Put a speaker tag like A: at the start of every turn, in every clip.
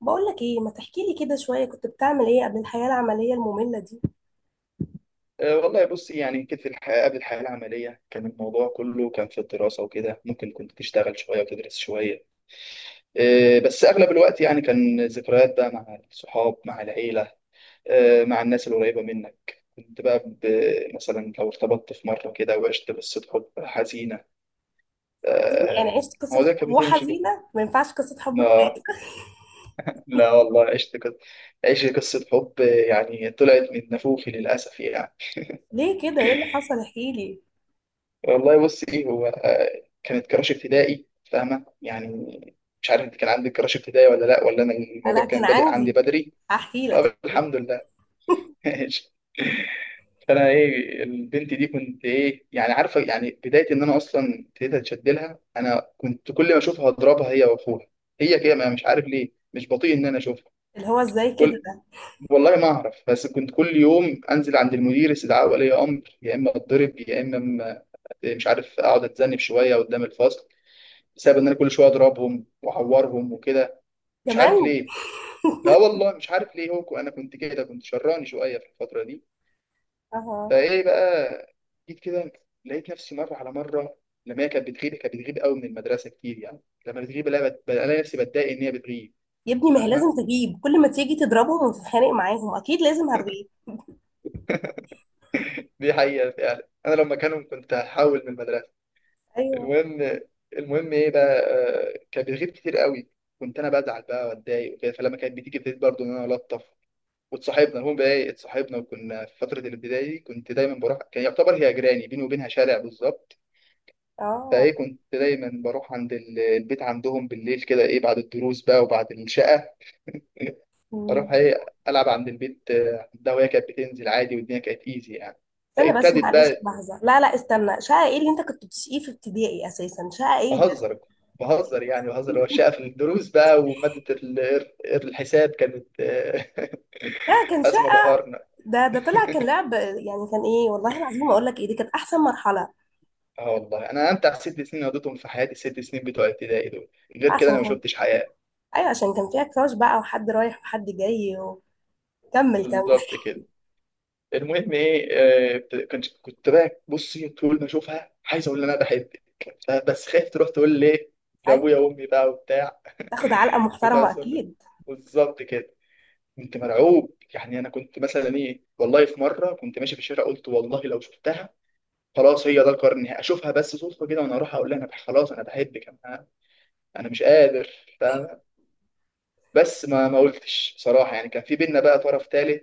A: بقول لك ايه، ما تحكي لي كده شويه؟ كنت بتعمل ايه قبل الحياه العمليه الممله دي؟
B: والله بص يعني كانت في الحياة قبل الحياة العملية، كان الموضوع كله كان في الدراسة وكده. ممكن كنت تشتغل شوية وتدرس شوية. بس أغلب الوقت يعني كان ذكريات بقى مع الصحاب مع العيلة. مع الناس القريبة منك كنت بقى مثلا لو ارتبطت في مرة كده وعشت قصة حب حزينة.
A: حزينه يعني؟ عشت قصه
B: هو ده
A: حب
B: كان بتمشي كده.
A: وحزينه؟ ما ينفعش قصه حب
B: لا.
A: كويسه؟
B: لا والله عشت قصة حب يعني طلعت من نافوخي للأسف يعني.
A: ليه كده؟ ايه اللي حصل؟ احكي لي.
B: والله بصي هو كانت كراش ابتدائي، فاهمة يعني؟ مش عارف انت كان عندك كراش ابتدائي ولا لا، ولا انا
A: انا
B: الموضوع
A: كان
B: كان بادئ عندي
A: عندي.
B: بدري.
A: هحكي لك هحكي
B: طب
A: لك.
B: الحمد لله. ماشي. فانا ايه البنت دي كنت ايه يعني عارفة، يعني بداية ان انا اصلا ابتديت اتشد لها، انا كنت كل ما اشوفها اضربها هي واخوها. هي كده مش عارف ليه، مش بطيء ان انا اشوفها.
A: اللي هو ازاي كده
B: كل
A: ده؟
B: والله ما اعرف، بس كنت كل يوم انزل عند المدير استدعاء ولي امر، يا اما اتضرب يا اما مش عارف اقعد اتذنب شويه قدام الفصل، بسبب ان انا كل شويه اضربهم واعورهم وكده. مش
A: كمان؟
B: عارف ليه. لا والله مش عارف ليه، هو انا كنت كده، كنت شراني شويه في الفتره دي.
A: اها.
B: فايه بقى، جيت كده لقيت نفسي مره على مره، لما هي كانت بتغيب قوي من المدرسه كتير يعني. لما بتغيب الاقي الاقي نفسي بتضايق ان هي بتغيب.
A: يا ابني ما هي لازم
B: فاهمه،
A: تغيب، كل ما تيجي تضربهم وتتخانق معاهم اكيد لازم هتغيب.
B: دي حقيقه فعلا، انا لما كانوا كنت هحول من المدرسه.
A: ايوه.
B: المهم المهم ايه بقى، كانت بتغيب كتير قوي، كنت انا بزعل بقى واتضايق وكده. فلما كانت بتيجي ابتديت برضه ان انا الطف، واتصاحبنا. المهم بقى ايه، اتصاحبنا وكنا في فتره الابتدائي دي كنت دايما بروح، كان يعتبر هي جيراني، بيني وبينها شارع بالظبط.
A: اه.
B: فايه، كنت دايما بروح عند البيت عندهم بالليل كده، ايه بعد الدروس بقى وبعد الشقه. اروح
A: مم.
B: ايه العب عند البيت، عندها، وهي كانت بتنزل عادي والدنيا كانت ايزي يعني.
A: استنى بس،
B: فابتدت
A: معلش
B: بقى
A: لحظه، لا لا استنى، شقه ايه اللي انت كنت بتشقيه في ابتدائي اساسا؟ شقه ايه ده؟
B: بهزر. بهزر يعني بهزر، هو الشقه في الدروس بقى. وماده الحساب كانت
A: لا كان
B: أزمة ظهرنا.
A: ده طلع كان لعب يعني، كان ايه والله العظيم؟ اقول لك ايه، دي كانت احسن مرحله.
B: اه والله انا امتع 6 سنين قضيتهم في حياتي الست سنين بتوع ابتدائي دول. غير كده
A: عشان
B: انا ما
A: كان.
B: شفتش حياه.
A: ايوه عشان كان فيها كراش بقى، وحد رايح وحد جاي. وكمل كمل.
B: بالظبط كده. المهم ايه، كنت بقى بصي طول ما اشوفها عايز اقول لها انا بحبك، بس خايف تروح تقول ليه لابويا
A: ايوه.
B: وامي بقى وبتاع.
A: تاخد علقه
B: كنت
A: محترمه
B: عايز أقول لك.
A: اكيد.
B: بالظبط كده، كنت مرعوب يعني. انا كنت مثلا ايه والله في مره كنت ماشي في الشارع قلت والله لو شفتها خلاص هي ده القرار النهائي، اشوفها بس صدفه كده وانا اروح اقول لها انا خلاص انا بحبك انا. انا مش قادر. فاهمة؟ بس ما قلتش بصراحه يعني. كان في بينا بقى طرف ثالث،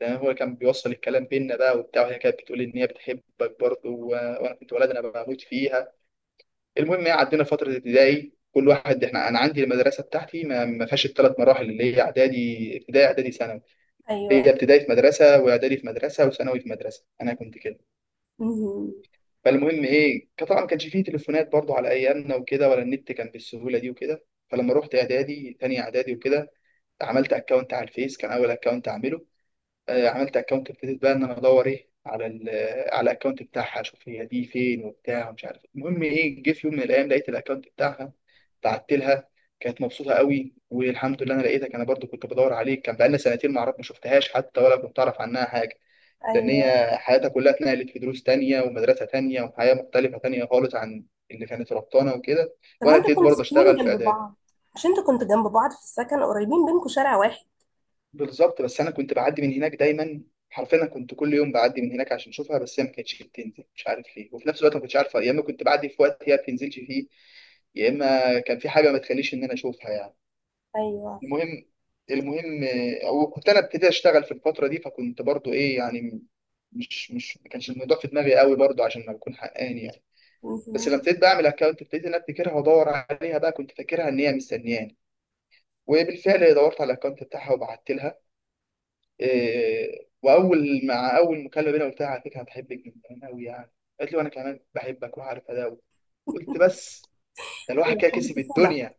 B: لان هو كان بيوصل الكلام بينا بقى وبتاع. وهي كانت بتقول ان هي بتحبك برضه، وانا كنت ولد انا بموت فيها. المهم يعني عدينا فتره ابتدائي كل واحد. احنا انا عندي المدرسه بتاعتي ما فيهاش الثلاث مراحل اللي هي اعدادي ابتدائي اعدادي ثانوي. هي
A: ايوه.
B: ابتدائي في مدرسه واعدادي في مدرسه وثانوي في مدرسه، انا كنت كده.
A: مهم.
B: فالمهم ايه، كان طبعا ما كانش فيه تليفونات برضه على ايامنا وكده، ولا النت كان بالسهوله دي وكده. فلما رحت اعدادي، تاني اعدادي وكده، عملت اكونت على الفيس، كان اول اكونت اعمله. عملت اكونت، ابتديت بقى ان انا ادور ايه على على الاكونت بتاعها اشوف هي دي فين وبتاع ومش عارف إيه. المهم ايه، جه في يوم من الايام لقيت الاكونت بتاعها، بعت لها. كانت مبسوطه قوي، والحمد لله انا لقيتك، انا برضو كنت بدور عليك. كان بقالنا سنتين ما اعرف، ما شفتهاش حتى ولا كنت اعرف عنها حاجه، لان
A: ايوه.
B: هي حياتها كلها اتنقلت في دروس تانية ومدرسه تانية وحياه مختلفه تانية خالص عن اللي كانت ربطانه وكده.
A: طب ما
B: وانا
A: انتوا
B: ابتديت
A: كنتوا
B: برضه
A: ساكنين
B: اشتغل في
A: جنب
B: اعداد.
A: بعض؟ مش انتوا كنتوا جنب بعض في السكن؟ قريبين بينكم شارع واحد.
B: بالظبط، بس انا كنت بعدي من هناك دايما. حرفيا أنا كنت كل يوم بعدي من هناك عشان اشوفها، بس هي ما كانتش بتنزل، مش عارف ليه. وفي نفس الوقت ما كنتش عارفه، يا اما كنت بعدي في وقت هي ما بتنزلش فيه، يا اما كان في حاجه ما تخليش ان انا اشوفها يعني.
A: ايوه.
B: المهم. المهم وكنت انا ابتديت اشتغل في الفتره دي، فكنت برضو ايه يعني، مش ما كانش الموضوع في دماغي قوي برضو عشان ما اكون حقاني يعني. بس لما
A: مهم.
B: ابتديت بقى اعمل اكونت، ابتديت ان انا افتكرها وادور عليها بقى، كنت فاكرها ان هي مستنياني. وبالفعل دورت على الاكونت بتاعها وبعت لها. واول مع اول مكالمه بينا قلت لها على فكره أنا بحبك من زمان قوي يعني. قالت لي وانا كمان بحبك وعارفه ده. قلت بس ده الواحد
A: أيوة،
B: كده
A: حب
B: كسب
A: الطفوله.
B: الدنيا.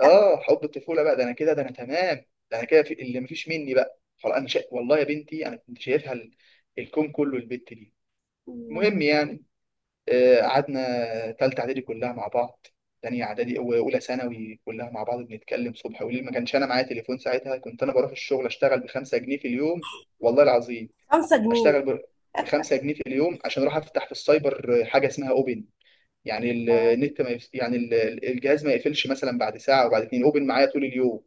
B: اه حب الطفوله بقى، ده انا كده ده انا تمام. ده انا كده في اللي مفيش مني بقى، خلاص انا والله يا بنتي انا كنت شايفها الكون كله البت دي.
A: مم.
B: المهم يعني قعدنا تالتة اعدادي كلها مع بعض. تانية اعدادي واولى ثانوي كلها مع بعض بنتكلم صبح وليل. ما كانش انا معايا تليفون ساعتها. كنت انا بروح الشغل اشتغل بخمسة جنيه في اليوم، والله العظيم.
A: 5 جنيه؟
B: اشتغل ب 5 جنيه في اليوم عشان اروح افتح في السايبر حاجه اسمها اوبن، يعني
A: اه.
B: النت ما يف... يعني الجهاز ما يقفلش مثلا بعد ساعه وبعد 2، اوبن معايا طول اليوم.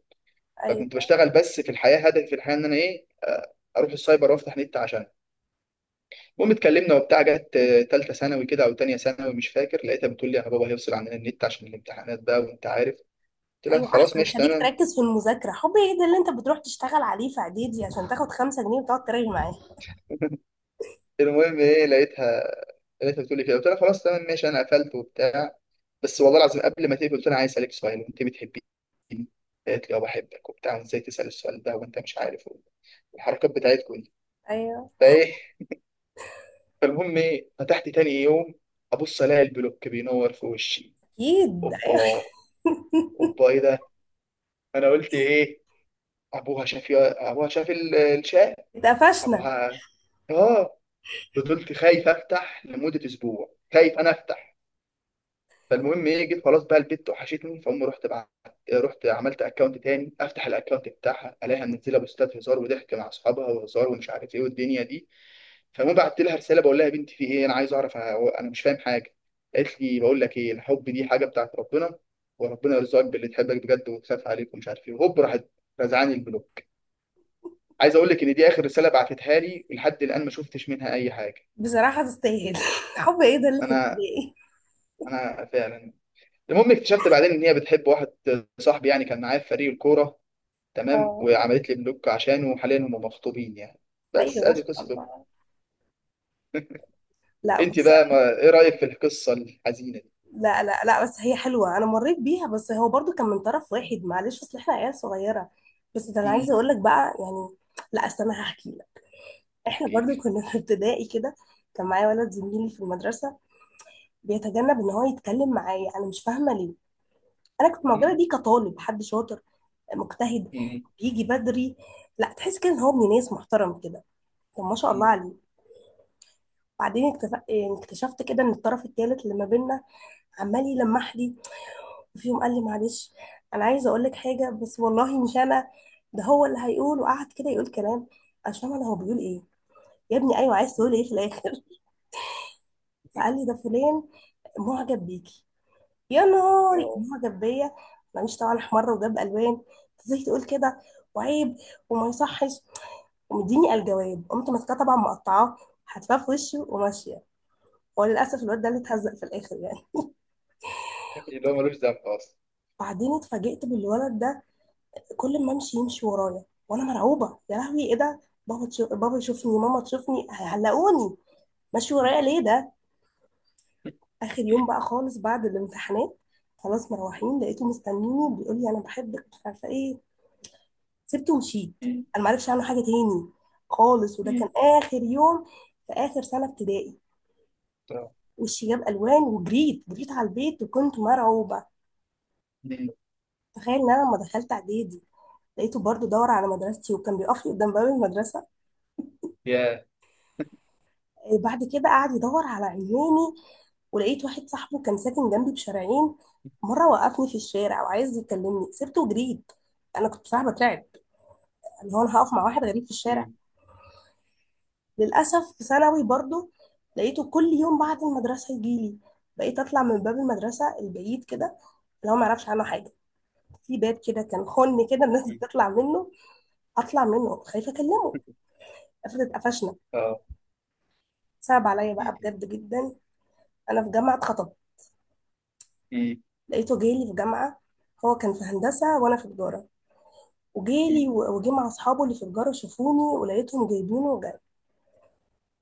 B: فكنت
A: ايوه.
B: بشتغل، بس في الحياه هدفي في الحياه ان انا ايه، اروح السايبر وافتح نت عشان. المهم اتكلمنا وبتاع، جت تالتة ثانوي كده او تانية ثانوي مش فاكر، لقيتها بتقول لي انا بابا هيفصل عننا النت عشان الامتحانات بقى وانت عارف. قلت لها
A: ايوه
B: خلاص
A: احسن،
B: ماشي
A: خليك
B: تمام.
A: تركز في المذاكره. حب ايه ده اللي انت بتروح تشتغل عليه في اعدادي عشان تاخد 5 جنيه وتقعد تراجع معاه؟
B: المهم ايه، لقيتها بتقول لي كده، قلت لها خلاص تمام ماشي، انا قفلت وبتاع. بس والله العظيم قبل ما تقفل قلت انا عايز اسالك سؤال، وانت بتحبيني؟ قالت لي اه بحبك وبتاع، وازاي تسال السؤال ده وانت مش عارف الحركات بتاعتكم دي.
A: ايوه.
B: فايه، فالمهم ايه، فتحت تاني يوم ابص الاقي البلوك بينور في وشي.
A: اكيد أيوة.
B: اوبا، اوبا ايه ده، انا قلت ايه؟ ابوها شاف، ابوها شاف الشات.
A: اتقفشنا.
B: ابوها. اه. فضلت خايف افتح لمده اسبوع، خايف انا افتح. فالمهم ايه، جيت خلاص بقى البت وحشتني، فأم رحت بعت. رحت عملت اكونت تاني، افتح الاكونت بتاعها الاقيها منزله بوستات هزار وضحك مع اصحابها وهزار ومش عارف ايه والدنيا دي. فالمهم بعت لها رساله بقول لها يا بنتي في ايه، انا عايز اعرف أنا مش فاهم حاجه. قالت لي بقول لك ايه، الحب دي حاجه بتاعت ربنا، وربنا يرزقك باللي تحبك بجد وتخاف عليك ومش عارف ايه. وهوب راحت رزعاني البلوك. عايز اقول لك ان دي اخر رساله بعتتها لي، لحد الان ما شفتش منها اي حاجه.
A: بصراحه تستاهل. حب ايه ده اللي في
B: انا
A: ابتدائي؟
B: انا فعلا. المهم اكتشفت بعدين ان هي بتحب واحد صاحبي يعني، كان معايا في فريق الكوره. تمام،
A: اه.
B: وعملت لي بلوك عشانه، وحاليا هم مخطوبين يعني. بس
A: ايوه ما
B: ادي
A: شاء
B: قصة بلوك.
A: الله. لا
B: انت
A: بص.
B: بقى ما... ايه رأيك في القصة الحزينة
A: لا لا لا، بس هي حلوه، انا مريت بيها، بس هو برضو كان من طرف واحد معلش، اصل احنا عيال صغيره. بس ده انا
B: دي؟
A: عايزه
B: مم.
A: اقول لك بقى يعني. لا اصل انا هحكي لك. احنا
B: احكي
A: برضو
B: لك.
A: كنا في ابتدائي كده، كان معايا ولد زميلي في المدرسه، بيتجنب ان هو يتكلم معايا، انا مش فاهمه ليه. انا كنت معجبه
B: مم.
A: بيه كطالب، حد شاطر، مجتهد،
B: مم.
A: بيجي بدري، لا تحس كده ان هو ابن ناس محترم كده. طب ما شاء الله
B: مم.
A: عليه. بعدين يعني اكتشفت كده ان الطرف التالت اللي ما بينا عمال يلمح لي. وفي يوم قال لي: معلش انا عايز اقول لك حاجه، بس والله مش انا، ده هو اللي هيقول. وقعد كده يقول كلام، انا مش فاهمه انا هو بيقول ايه. يا ابني ايوه عايز تقول
B: مم.
A: ايه في الاخر؟ فقال لي: ده فلان معجب بيكي. يا نهاري،
B: اه.
A: معجب بيا؟ انا مش طبعا، احمر وجاب الوان، أنت ازاي تقول كده؟ وعيب، وما يصحش. ومديني الجواب، قمت ماسكاه طبعا مقطعاه، حتفاه في وشه وماشيه. هو للاسف الواد ده اللي اتهزق في الاخر يعني.
B: اللي هو ملوش ذنب اصلا.
A: بعدين اتفاجئت بالولد ده، كل ما امشي يمشي ورايا، وانا مرعوبه: يا لهوي ايه ده؟ بابا تشوف، بابا يشوفني، ماما تشوفني، هيعلقوني. ماشي
B: مم.
A: ورايا ليه ده؟ اخر يوم بقى خالص بعد الامتحانات، خلاص مروحين، لقيته مستنيني بيقول لي انا بحبك مش عارفه ايه. سبته ومشيت.
B: مم.
A: انا ما عرفش عنه حاجه تاني خالص، وده
B: مم.
A: كان اخر يوم في اخر سنه ابتدائي.
B: آه.
A: وشي جاب الوان وجريت جريت على البيت وكنت مرعوبه.
B: مم.
A: تخيل ان انا لما دخلت اعدادي، لقيته برضو دور على مدرستي وكان بيقف لي قدام باب المدرسة.
B: يا.
A: إيه بعد كده؟ قعد يدور على عيناني. ولقيت واحد صاحبه كان ساكن جنبي بشارعين، مرة وقفني في الشارع وعايز يكلمني، سبته وجريت. أنا كنت بصراحة بترعب، اللي هو أنا هقف مع واحد غريب في الشارع؟
B: مم.
A: للأسف في ثانوي برضو لقيته كل يوم بعد المدرسة يجيلي، بقيت أطلع من باب المدرسة البعيد كده، اللي هو ما يعرفش عنه حاجة. في باب كده كان خن كده الناس
B: مم.
A: بتطلع منه، أطلع منه خايفة أكلمه. افرض اتقفشنا؟
B: اه.
A: صعب عليا بقى
B: مم.
A: بجد جدا. انا في جامعه خطب،
B: مم.
A: لقيته جالي في جامعه. هو كان في هندسه وانا في تجاره، وجالي وجه مع اصحابه اللي في تجاره، شافوني ولقيتهم جايبينه وجاي.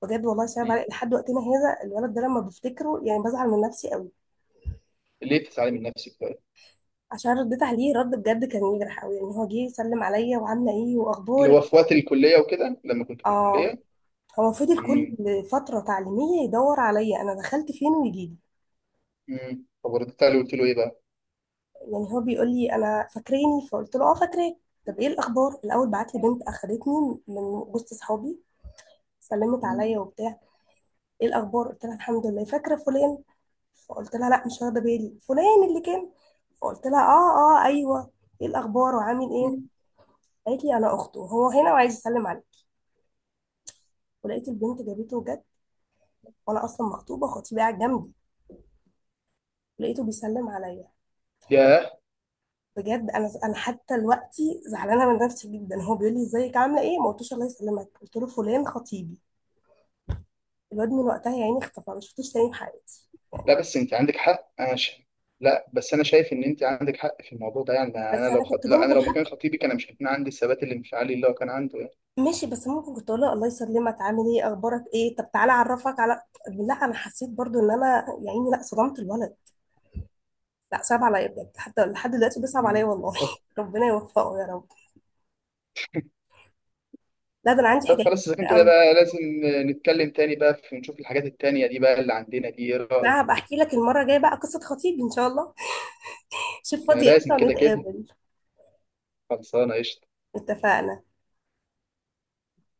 A: بجد والله صعب
B: مم.
A: علي لحد وقتنا هذا، الولد ده لما بفتكره يعني بزعل من نفسي قوي.
B: ليه بتزعلي من نفسك بقى؟
A: عشان رديت عليه رد بجد كان يجرح قوي يعني. هو جه يسلم عليا: وعامله ايه،
B: اللي
A: واخبارك؟
B: هو في وقت الكلية وكده لما كنت في
A: اه.
B: الكلية.
A: هو فضل كل
B: مم.
A: فتره تعليميه يدور عليا، انا دخلت فين ويجي لي.
B: مم. فبردت عليه وقلت له ايه بقى؟
A: يعني هو بيقول لي انا فاكريني؟ فقلت له اه فاكراك. طب ايه الاخبار؟ الاول بعت لي بنت اخدتني من وسط اصحابي، سلمت
B: مم.
A: عليا وبتاع: ايه الاخبار؟ قلت لها الحمد لله. فاكره فلان؟ فقلت لها لا مش واخده بالي. فلان اللي كان. فقلت لها اه، اه ايوه. ايه الاخبار وعامل ايه؟
B: مم.
A: قالت لي انا اخته، هو هنا وعايز يسلم عليا. ولقيت البنت جابته جد، وانا اصلا مخطوبه وخطيبي قاعد جنبي، لقيته بيسلم عليا.
B: يا.
A: بجد انا حتى دلوقتي زعلانه من نفسي جدا. هو بيقول لي ازيك عامله ايه ما قلتوش الله يسلمك، قلت له: فلان خطيبي. الواد من وقتها يا عيني اختفى، ما شفتوش تاني في حياتي.
B: لا بس انت عندك حق انا لا بس انا شايف ان انت عندك حق في الموضوع ده يعني. يعني انا
A: بس
B: لو
A: انا كنت
B: لا انا
A: ممكن،
B: لو مكان خطيبي كان مش هيكون عندي الثبات الانفعالي اللي هو كان عنده يعني.
A: ماشي، بس ممكن كنت اقول لها: الله يسلمك، عامل ايه، اخبارك ايه، طب تعالى اعرفك على. لا انا حسيت برضو ان انا يا عيني لا صدمت الولد. لا صعب عليا بجد، حتى لحد دلوقتي بيصعب عليا
B: مم.
A: والله.
B: طب
A: ربنا يوفقه يا رب. لا ده انا عندي
B: طب
A: حاجات
B: خلاص اذا كان
A: كتير
B: كده
A: قوي.
B: بقى لازم نتكلم تاني بقى، في نشوف الحاجات التانية دي بقى اللي عندنا دي، ايه
A: لا هبقى
B: رايك؟
A: احكي لك المره الجايه بقى قصه خطيبي ان شاء الله. شوف
B: ده
A: فاضيه
B: لازم
A: امتى
B: كده كده.
A: ونتقابل.
B: خلصانه قشطه.
A: اتفقنا.